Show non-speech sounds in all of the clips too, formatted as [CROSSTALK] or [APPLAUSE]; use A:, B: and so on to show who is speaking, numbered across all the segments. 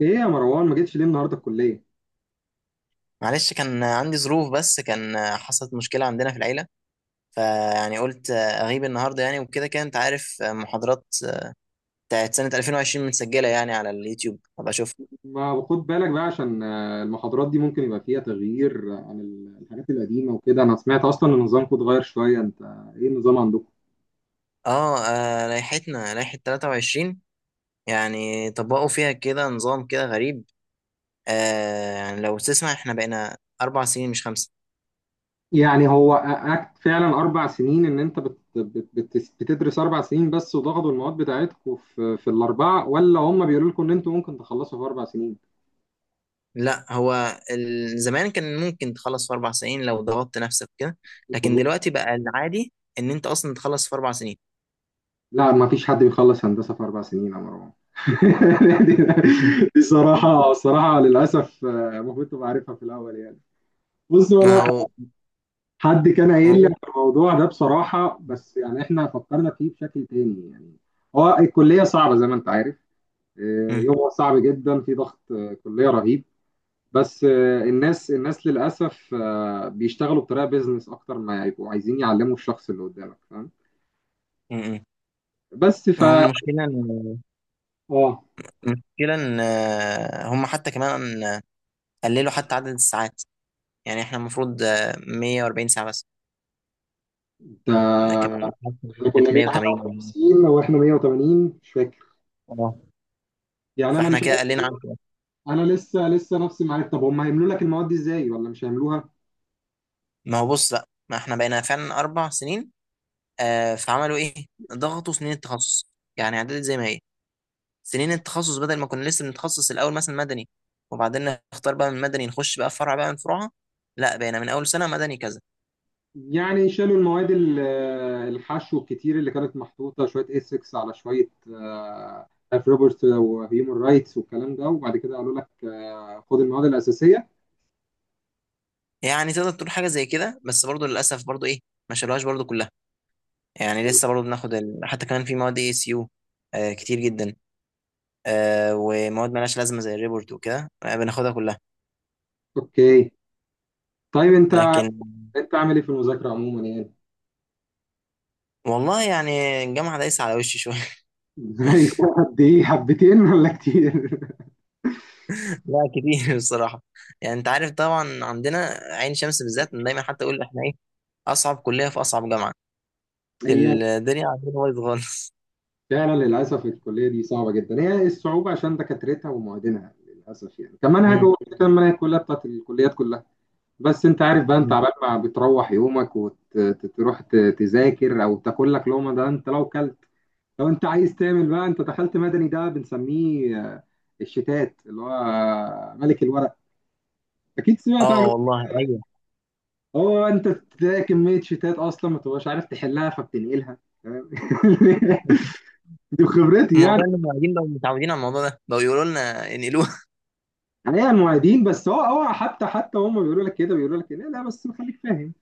A: ايه يا مروان، ما جيتش ليه النهارده الكليه؟
B: معلش، كان عندي ظروف بس كان حصلت مشكلة عندنا في العيلة. قلت أغيب النهاردة، يعني وكده كده أنت عارف محاضرات بتاعت سنة 2020 متسجلة يعني على اليوتيوب أبقى أشوف.
A: ما خد بالك بقى عشان المحاضرات دي ممكن يبقى فيها تغيير، عن الحاجات القديمه وكده. انا سمعت اصلا ان نظامكم اتغير شويه. انت ايه النظام عندكم؟
B: لائحتنا لائحة 23. يعني طبقوا فيها كده نظام كده غريب. يعني لو تسمع، إحنا بقينا أربع سنين مش خمسة.
A: يعني هو أكت فعلا اربع سنين ان انت بت بت بت بتدرس اربع سنين بس، وضغطوا المواد بتاعتكم في الاربعه، ولا هم بيقولوا لكم ان انتوا ممكن تخلصوا في اربع سنين؟
B: لا، هو زمان كان ممكن تخلص في أربع سنين لو ضغطت نفسك كده، لكن
A: مظبوط.
B: دلوقتي بقى العادي إن أنت أصلا تخلص في أربع سنين.
A: لا، ما فيش حد بيخلص هندسه في اربع سنين يا مروان. [LAUGHS] دي دي- دي صراحه
B: [LAUGHS]
A: الصراحه للاسف، المفروض تبقى عارفها في الاول يعني. بص،
B: ما
A: ولا
B: هو
A: حد كان قايل لي
B: هو
A: على الموضوع ده بصراحة، بس يعني احنا فكرنا فيه بشكل تاني يعني. هو الكلية صعبة زي ما انت عارف.
B: مم.
A: يومها صعب جدا، في ضغط، كلية رهيب. بس الناس للأسف بيشتغلوا بطريقة بيزنس أكتر ما يبقوا عايزين يعلموا الشخص اللي قدامك، فاهم؟
B: مم.
A: بس ف
B: هو المشكلة إن
A: اه
B: هم حتى كمان قللوا حتى عدد الساعات. يعني إحنا المفروض 140 ساعة بس،
A: انت،
B: لكن
A: احنا كنا
B: كانت 180.
A: 151 واحنا 180 مش فاكر.
B: اه،
A: يعني انا
B: فإحنا
A: مش
B: كده
A: عارف.
B: قلنا عن كده.
A: انا لسه نفسي معايا. طب هم هيعملوا لك المواد دي ازاي، ولا مش هيعملوها؟
B: ما هو بص بقى، ما إحنا بقينا فعلا أربع سنين. آه، فعملوا إيه؟ ضغطوا سنين التخصص. يعني عدلت زي ما هي. سنين التخصص بدل ما كنا لسه بنتخصص الأول مثلا مدني، وبعدين نختار بقى من مدني نخش بقى فرع بقى من فروعها، لا بقينا من أول سنة مدني كذا.
A: يعني شالوا المواد الحشو الكتير اللي كانت محطوطة، شوية اسكس على شوية، اف روبرت وهيومن رايتس والكلام ده، وبعد كده قالوا لك خد المواد الأساسية.
B: يعني تقدر تقول حاجه زي كده، بس برضو للاسف برضو ايه، ما شالوهاش برضو كلها. يعني لسه برضو بناخد حتى كمان في مواد اي اس يو كتير جدا. آه، ومواد مالهاش لازمه زي الريبورت وكده، آه بناخدها كلها
A: اوكي. طيب انت
B: لكن.
A: انت عامل ايه في المذاكرة عموما يعني؟
B: والله يعني الجامعه دايسه على وشي شويه. [LAUGHS]
A: [LAUGHS] زي قد ايه، حبتين ولا كتير؟
B: لا، كتير بصراحه. يعني انت عارف طبعا عندنا عين شمس بالذات، أنا دايما حتى اقول احنا ايه، اصعب كليه في اصعب جامعه.
A: [LAUGHS] هي
B: الدنيا عندنا بايظ خالص.
A: فعلا للأسف الكلية دي صعبة جدا. هي إيه الصعوبة؟ عشان دكاترتها ومعيدينها للأسف، يعني كمنهج
B: مم.
A: هو كان منهج كلها بتاعت الكليات كلها. بس انت عارف بقى، انت
B: مم.
A: عبال ما بتروح يومك وتروح تذاكر او تاكل لك لقمه، ده انت لو كلت. لو انت عايز تعمل بقى، انت دخلت مدني ده بنسميه الشتات، اللي هو ملك الورق. اكيد سمعت
B: اه
A: حاجه.
B: والله ايوه.
A: هو انت تلاقي كميه شتات اصلا ما تبقاش عارف تحلها فبتنقلها. فاهم؟ [LAUGHS] دي خبرتي يعني.
B: الموضوع ان المعيدين بقوا متعودين على الموضوع ده، بقوا يقولوا لنا انقلوها.
A: عليها المعيدين، بس هو حتى هم بيقولوا لك كده، لا بس خليك فاهم،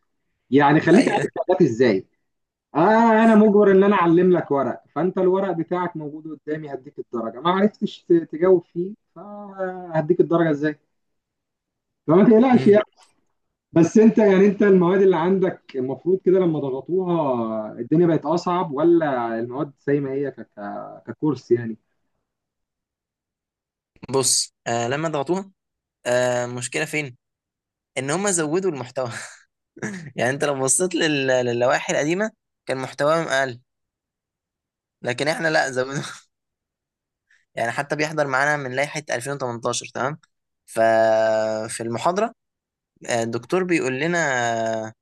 A: يعني
B: [LAUGHS]
A: خليك عارف
B: ايوه.
A: شغالات ازاي. آه، أنا مجبر إن أنا أعلم لك ورق، فأنت الورق بتاعك موجود قدامي، هديك الدرجة. ما عرفتش تجاوب فيه، فهديك الدرجة إزاي؟ فما تقلقش
B: مم.
A: يعني. بس أنت يعني، أنت المواد اللي عندك المفروض كده لما ضغطوها الدنيا بقت أصعب، ولا المواد زي ما هي ك... ك... ككورس يعني؟
B: بص، آه لما ضغطوها آه، مشكلة فين؟ إن هم زودوا المحتوى. [LAUGHS] يعني أنت لو بصيت للوائح القديمة كان محتواهم أقل، لكن إحنا لا زودوا. [LAUGHS] يعني حتى بيحضر معانا من لائحة 2018، تمام؟ ففي المحاضرة الدكتور بيقول لنا، آه،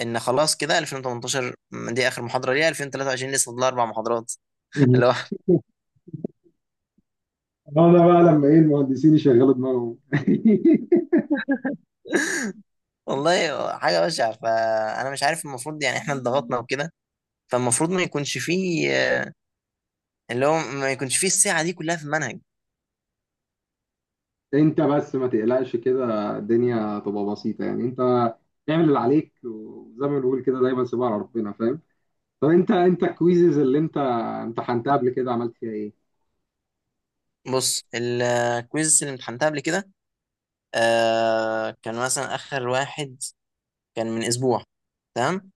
B: إن خلاص كده 2018 دي آخر محاضرة ليها، 2023 لسه فاضل أربع محاضرات. [LAUGHS] اللي هو،
A: [LAUGHS] أنا بقى لما إيه، المهندسين يشغلوا دماغهم. [LAUGHS]
B: والله حاجة بشعة، فأنا مش عارف المفروض يعني إحنا اتضغطنا وكده، فالمفروض ما يكونش فيه، اللي هو ما يكونش فيه الساعة دي كلها في المنهج.
A: انت بس ما تقلقش، كده الدنيا تبقى بسيطة يعني. انت اعمل اللي عليك، وزي ما بنقول كده دايما سيبها على ربنا، فاهم؟ طب انت الكويزز اللي انت امتحنتها قبل كده عملت فيها ايه؟
B: بص الكويز اللي امتحنتها قبل كده آه، كان مثلا آخر واحد كان من أسبوع، تمام؟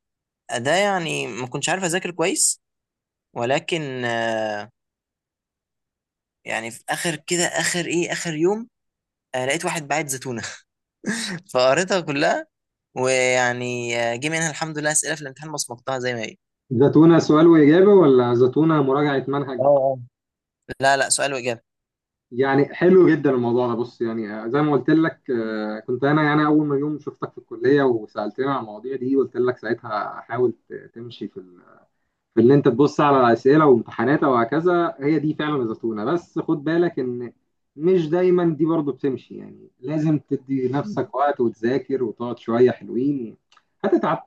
B: ده يعني ما كنتش عارف أذاكر كويس، ولكن آه، يعني في آخر كده، آخر يوم آه، لقيت واحد باعت زيتونة. [LAUGHS] فقريتها كلها، ويعني آه، جه منها الحمد لله أسئلة في الامتحان بصمتها زي ما هي.
A: زتونة سؤال وإجابة، ولا زتونة مراجعة منهج؟
B: اه. لا, سؤال وإجابة.
A: يعني حلو جدا الموضوع ده. بص، يعني زي ما قلت لك، كنت انا يعني اول ما يوم شفتك في الكلية وسألتني عن المواضيع دي قلت لك ساعتها حاول تمشي في اللي انت تبص على اسئله وامتحانات وهكذا. هي دي فعلا الزتونه. بس خد بالك ان مش دايما دي برضو بتمشي يعني. لازم تدي
B: مم.
A: نفسك وقت وتذاكر وتقعد شويه حلوين. هتتعب،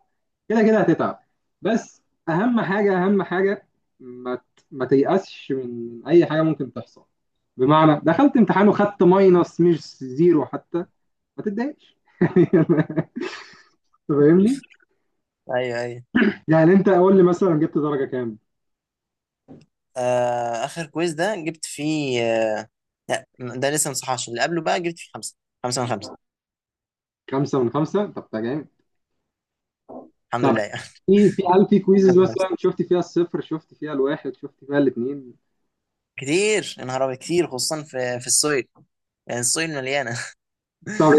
A: كده كده هتتعب. بس اهم حاجه، اهم حاجه ما تيأسش من اي حاجه ممكن تحصل. بمعنى دخلت امتحان وخدت ماينس، مش زيرو حتى، ما تتضايقش. [LAUGHS] يعني فاهمني؟
B: ايوه ايوه.
A: يعني انت قول لي مثلا جبت درجه كام.
B: آه اخر كويز ده جبت فيه، لا ده لسه ما صحاش. اللي قبله بقى جبت فيه خمسه، خمسه من خمسه.
A: خمسة من خمسة، طب ده جامد.
B: الحمد
A: طب،
B: لله يعني. [LAUGHS]
A: في في هل في
B: خمسه من
A: كويزز
B: خمسه
A: مثلا شفت فيها الصفر، شفت فيها الواحد، شفت فيها الاثنين؟
B: كتير يا نهار أبيض، كتير خصوصا في السويل. يعني السويل مليانه. [LAUGHS]
A: طب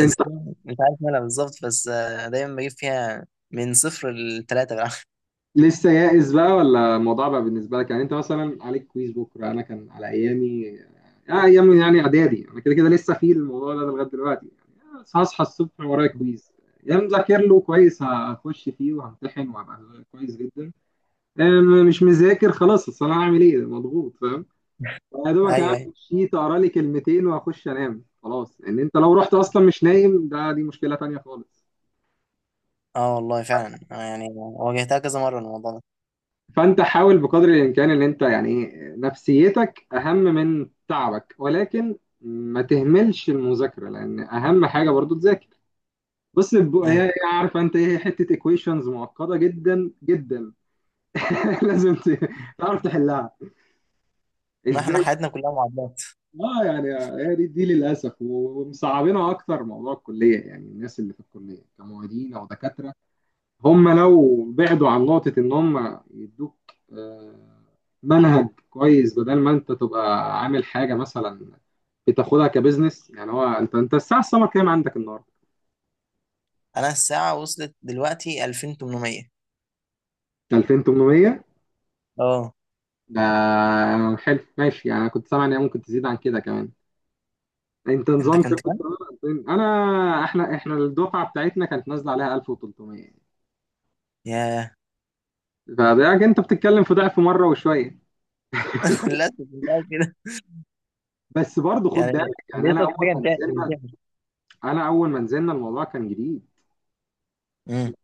A: انت
B: مش عارف مالها بالظبط، بس آه، دايما بجيب فيها من صفر لثلاثه بقى.
A: لسه يائس بقى، ولا الموضوع بقى بالنسبه لك يعني؟ انت مثلا عليك كويز بكره. انا كان على ايامي، ايام يعني اعدادي، انا كده كده لسه في الموضوع ده لغايه دلوقتي يعني. هصحى الصبح ورايا كويز، يا مذاكر له كويس هخش فيه وهمتحن وهبقى كويس جدا، مش مذاكر خلاص، اصل انا هعمل ايه مضغوط. يا
B: [LAUGHS]
A: دوبك اعمل
B: ايوه ايوه.
A: شيت اقرا لي كلمتين واخش انام خلاص، ان انت لو رحت اصلا مش نايم، ده دي مشكله تانية خالص.
B: اه والله فعلا، آه يعني واجهتها كذا مره الموضوع ده.
A: فانت حاول بقدر الامكان ان انت يعني نفسيتك اهم من تعبك، ولكن ما تهملش المذاكره، لان اهم حاجه برضو تذاكر. بص، هي
B: مم.
A: هي عارفه انت، ايه حته ايكويشنز معقده جدا جدا. [LAUGHS] لازم تعرف تحلها
B: ما احنا
A: ازاي.
B: حياتنا كلها معادلات.
A: اه يعني، هي دي للاسف ومصعبينها اكتر. موضوع الكليه يعني، الناس اللي في الكليه كمعيدين او دكاتره هم لو بعدوا عن نقطة إن هم يدوك آه، منهج كويس، بدل ما أنت تبقى عامل حاجة مثلا، بتاخدها كبزنس يعني. هو أنت الساعة السمر كام عندك النهاردة؟
B: انا الساعه وصلت دلوقتي 2800.
A: 2800.
B: اه.
A: ده حلو، ماشي يعني. أنا كنت سامع إن هي ممكن تزيد عن كده كمان. أنت
B: انت
A: نظام كام
B: كنت
A: كنت
B: كام؟
A: عامل؟ أنا، إحنا الدفعة بتاعتنا كانت نازلة عليها 1300 يعني.
B: ياه.
A: فده أنت بتتكلم في ضعف مرة وشوية.
B: [LAUGHS] للاسف كنت قاعد كده.
A: بس برضه خد
B: يعني
A: بالك يعني،
B: ليه صوت حاجه انت.
A: أنا أول ما نزلنا الموضوع كان جديد.
B: امم.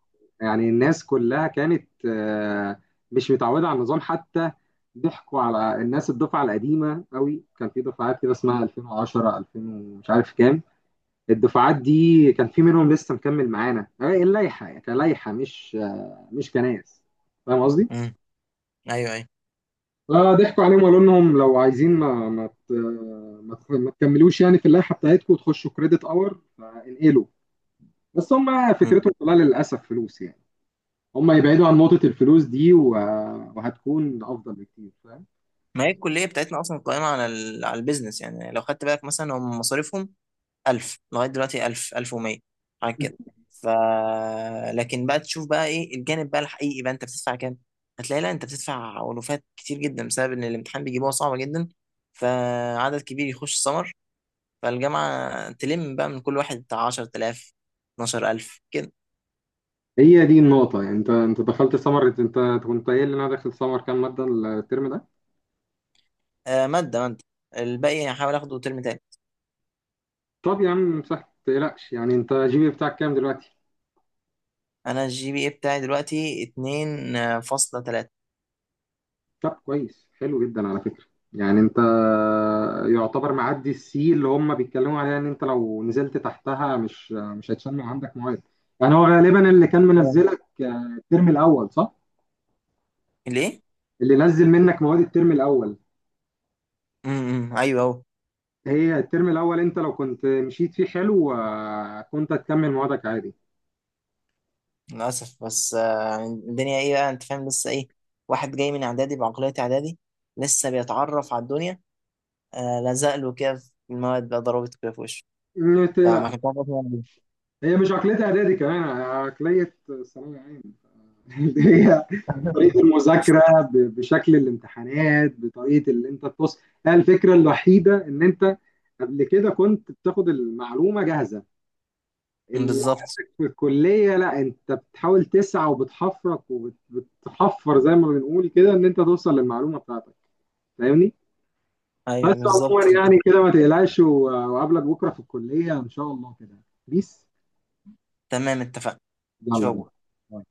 A: يعني الناس كلها كانت مش متعودة على النظام حتى. ضحكوا على الناس الدفعة القديمة قوي. كان في دفعات كده اسمها 2010، 2000، ومش عارف كام. الدفعات دي كان في منهم لسه مكمل معانا، اللائحة كلائحة، مش مش كناس. فاهم قصدي؟
B: امم. ايوه ايوه.
A: فضحكوا عليهم وقالوا لهم لو عايزين، ما ما ت- ما تخ- ما تكملوش يعني في اللائحة بتاعتكم، وتخشوا كريدت اور فانقلوا. بس هم
B: امم.
A: فكرتهم كلها للأسف فلوس يعني. هم يبعدوا عن نقطة الفلوس دي وهتكون أفضل بكتير، فاهم؟
B: ما هي الكليه بتاعتنا اصلا قائمه على البيزنس. يعني لو خدت بالك مثلا، هم مصاريفهم 1000 لغايه دلوقتي، 1000، 1100، حاجه كده. ف لكن بقى تشوف بقى ايه الجانب بقى الحقيقي، بقى انت بتدفع كام؟ هتلاقي لا، انت بتدفع ألوفات كتير جدا بسبب ان الامتحان بيجيبوها صعبه جدا، فعدد كبير يخش سمر، فالجامعه تلم بقى من كل واحد بتاع 10,000، 12,000 كده.
A: هي دي النقطة يعني. أنت دخلت سمر. أنت كنت قايل لي إن أنا داخل سمر كام مادة الترم ده.
B: آه ماده. الباقي هحاول اخده ترم تاني.
A: طب يا عم صح، ما تقلقش يعني. أنت جي بي بتاعك كام دلوقتي؟
B: انا الجي بي اي بتاعي دلوقتي اتنين آه، فاصلة تلاتة.
A: طب كويس، حلو جدا على فكرة. يعني أنت يعتبر معدي السي اللي هم بيتكلموا عليها، إن أنت لو نزلت تحتها مش هتشمع عندك مواد. يعني هو غالبا اللي كان
B: آه.
A: منزلك الترم الأول صح؟
B: ليه؟
A: اللي نزل منك مواد الترم الأول،
B: امم. ايوه اهو.
A: هي الترم الاول انت لو كنت مشيت فيه حلو، كنت هتكمل موادك عادي.
B: للاسف بس آه، الدنيا ايه بقى، انت فاهم لسه ايه، واحد جاي من اعدادي بعقلية اعدادي لسه بيتعرف على الدنيا، آه لزق له كده في المواد بقى، ضربته كده في وشه،
A: إنت-
B: فما كنت عارف أصلاً يعني.
A: هي مش عقليه اعدادي، كمان عقليه ثانوي عام. [LAUGHS] اللي هي طريقه
B: إيه.
A: المذاكره بشكل الامتحانات، بطريقه اللي انت بص. هي الفكره الوحيده، ان انت قبل كده كنت بتاخد المعلومه جاهزه.
B: [LAUGHS]
A: ال-
B: بالظبط.
A: في الكليه لا، انت بتحاول تسعى وبتحفرك، وبتحفر زي ما بنقول كده، ان انت توصل للمعلومه بتاعتك. فاهمني؟
B: ايوه
A: بس
B: بالظبط.
A: عموما يعني كده ما تقلقش، وقابلك بكره في الكليه ان شاء الله كده. بيس.
B: تمام، اتفقنا.
A: يلا
B: شو
A: بينا.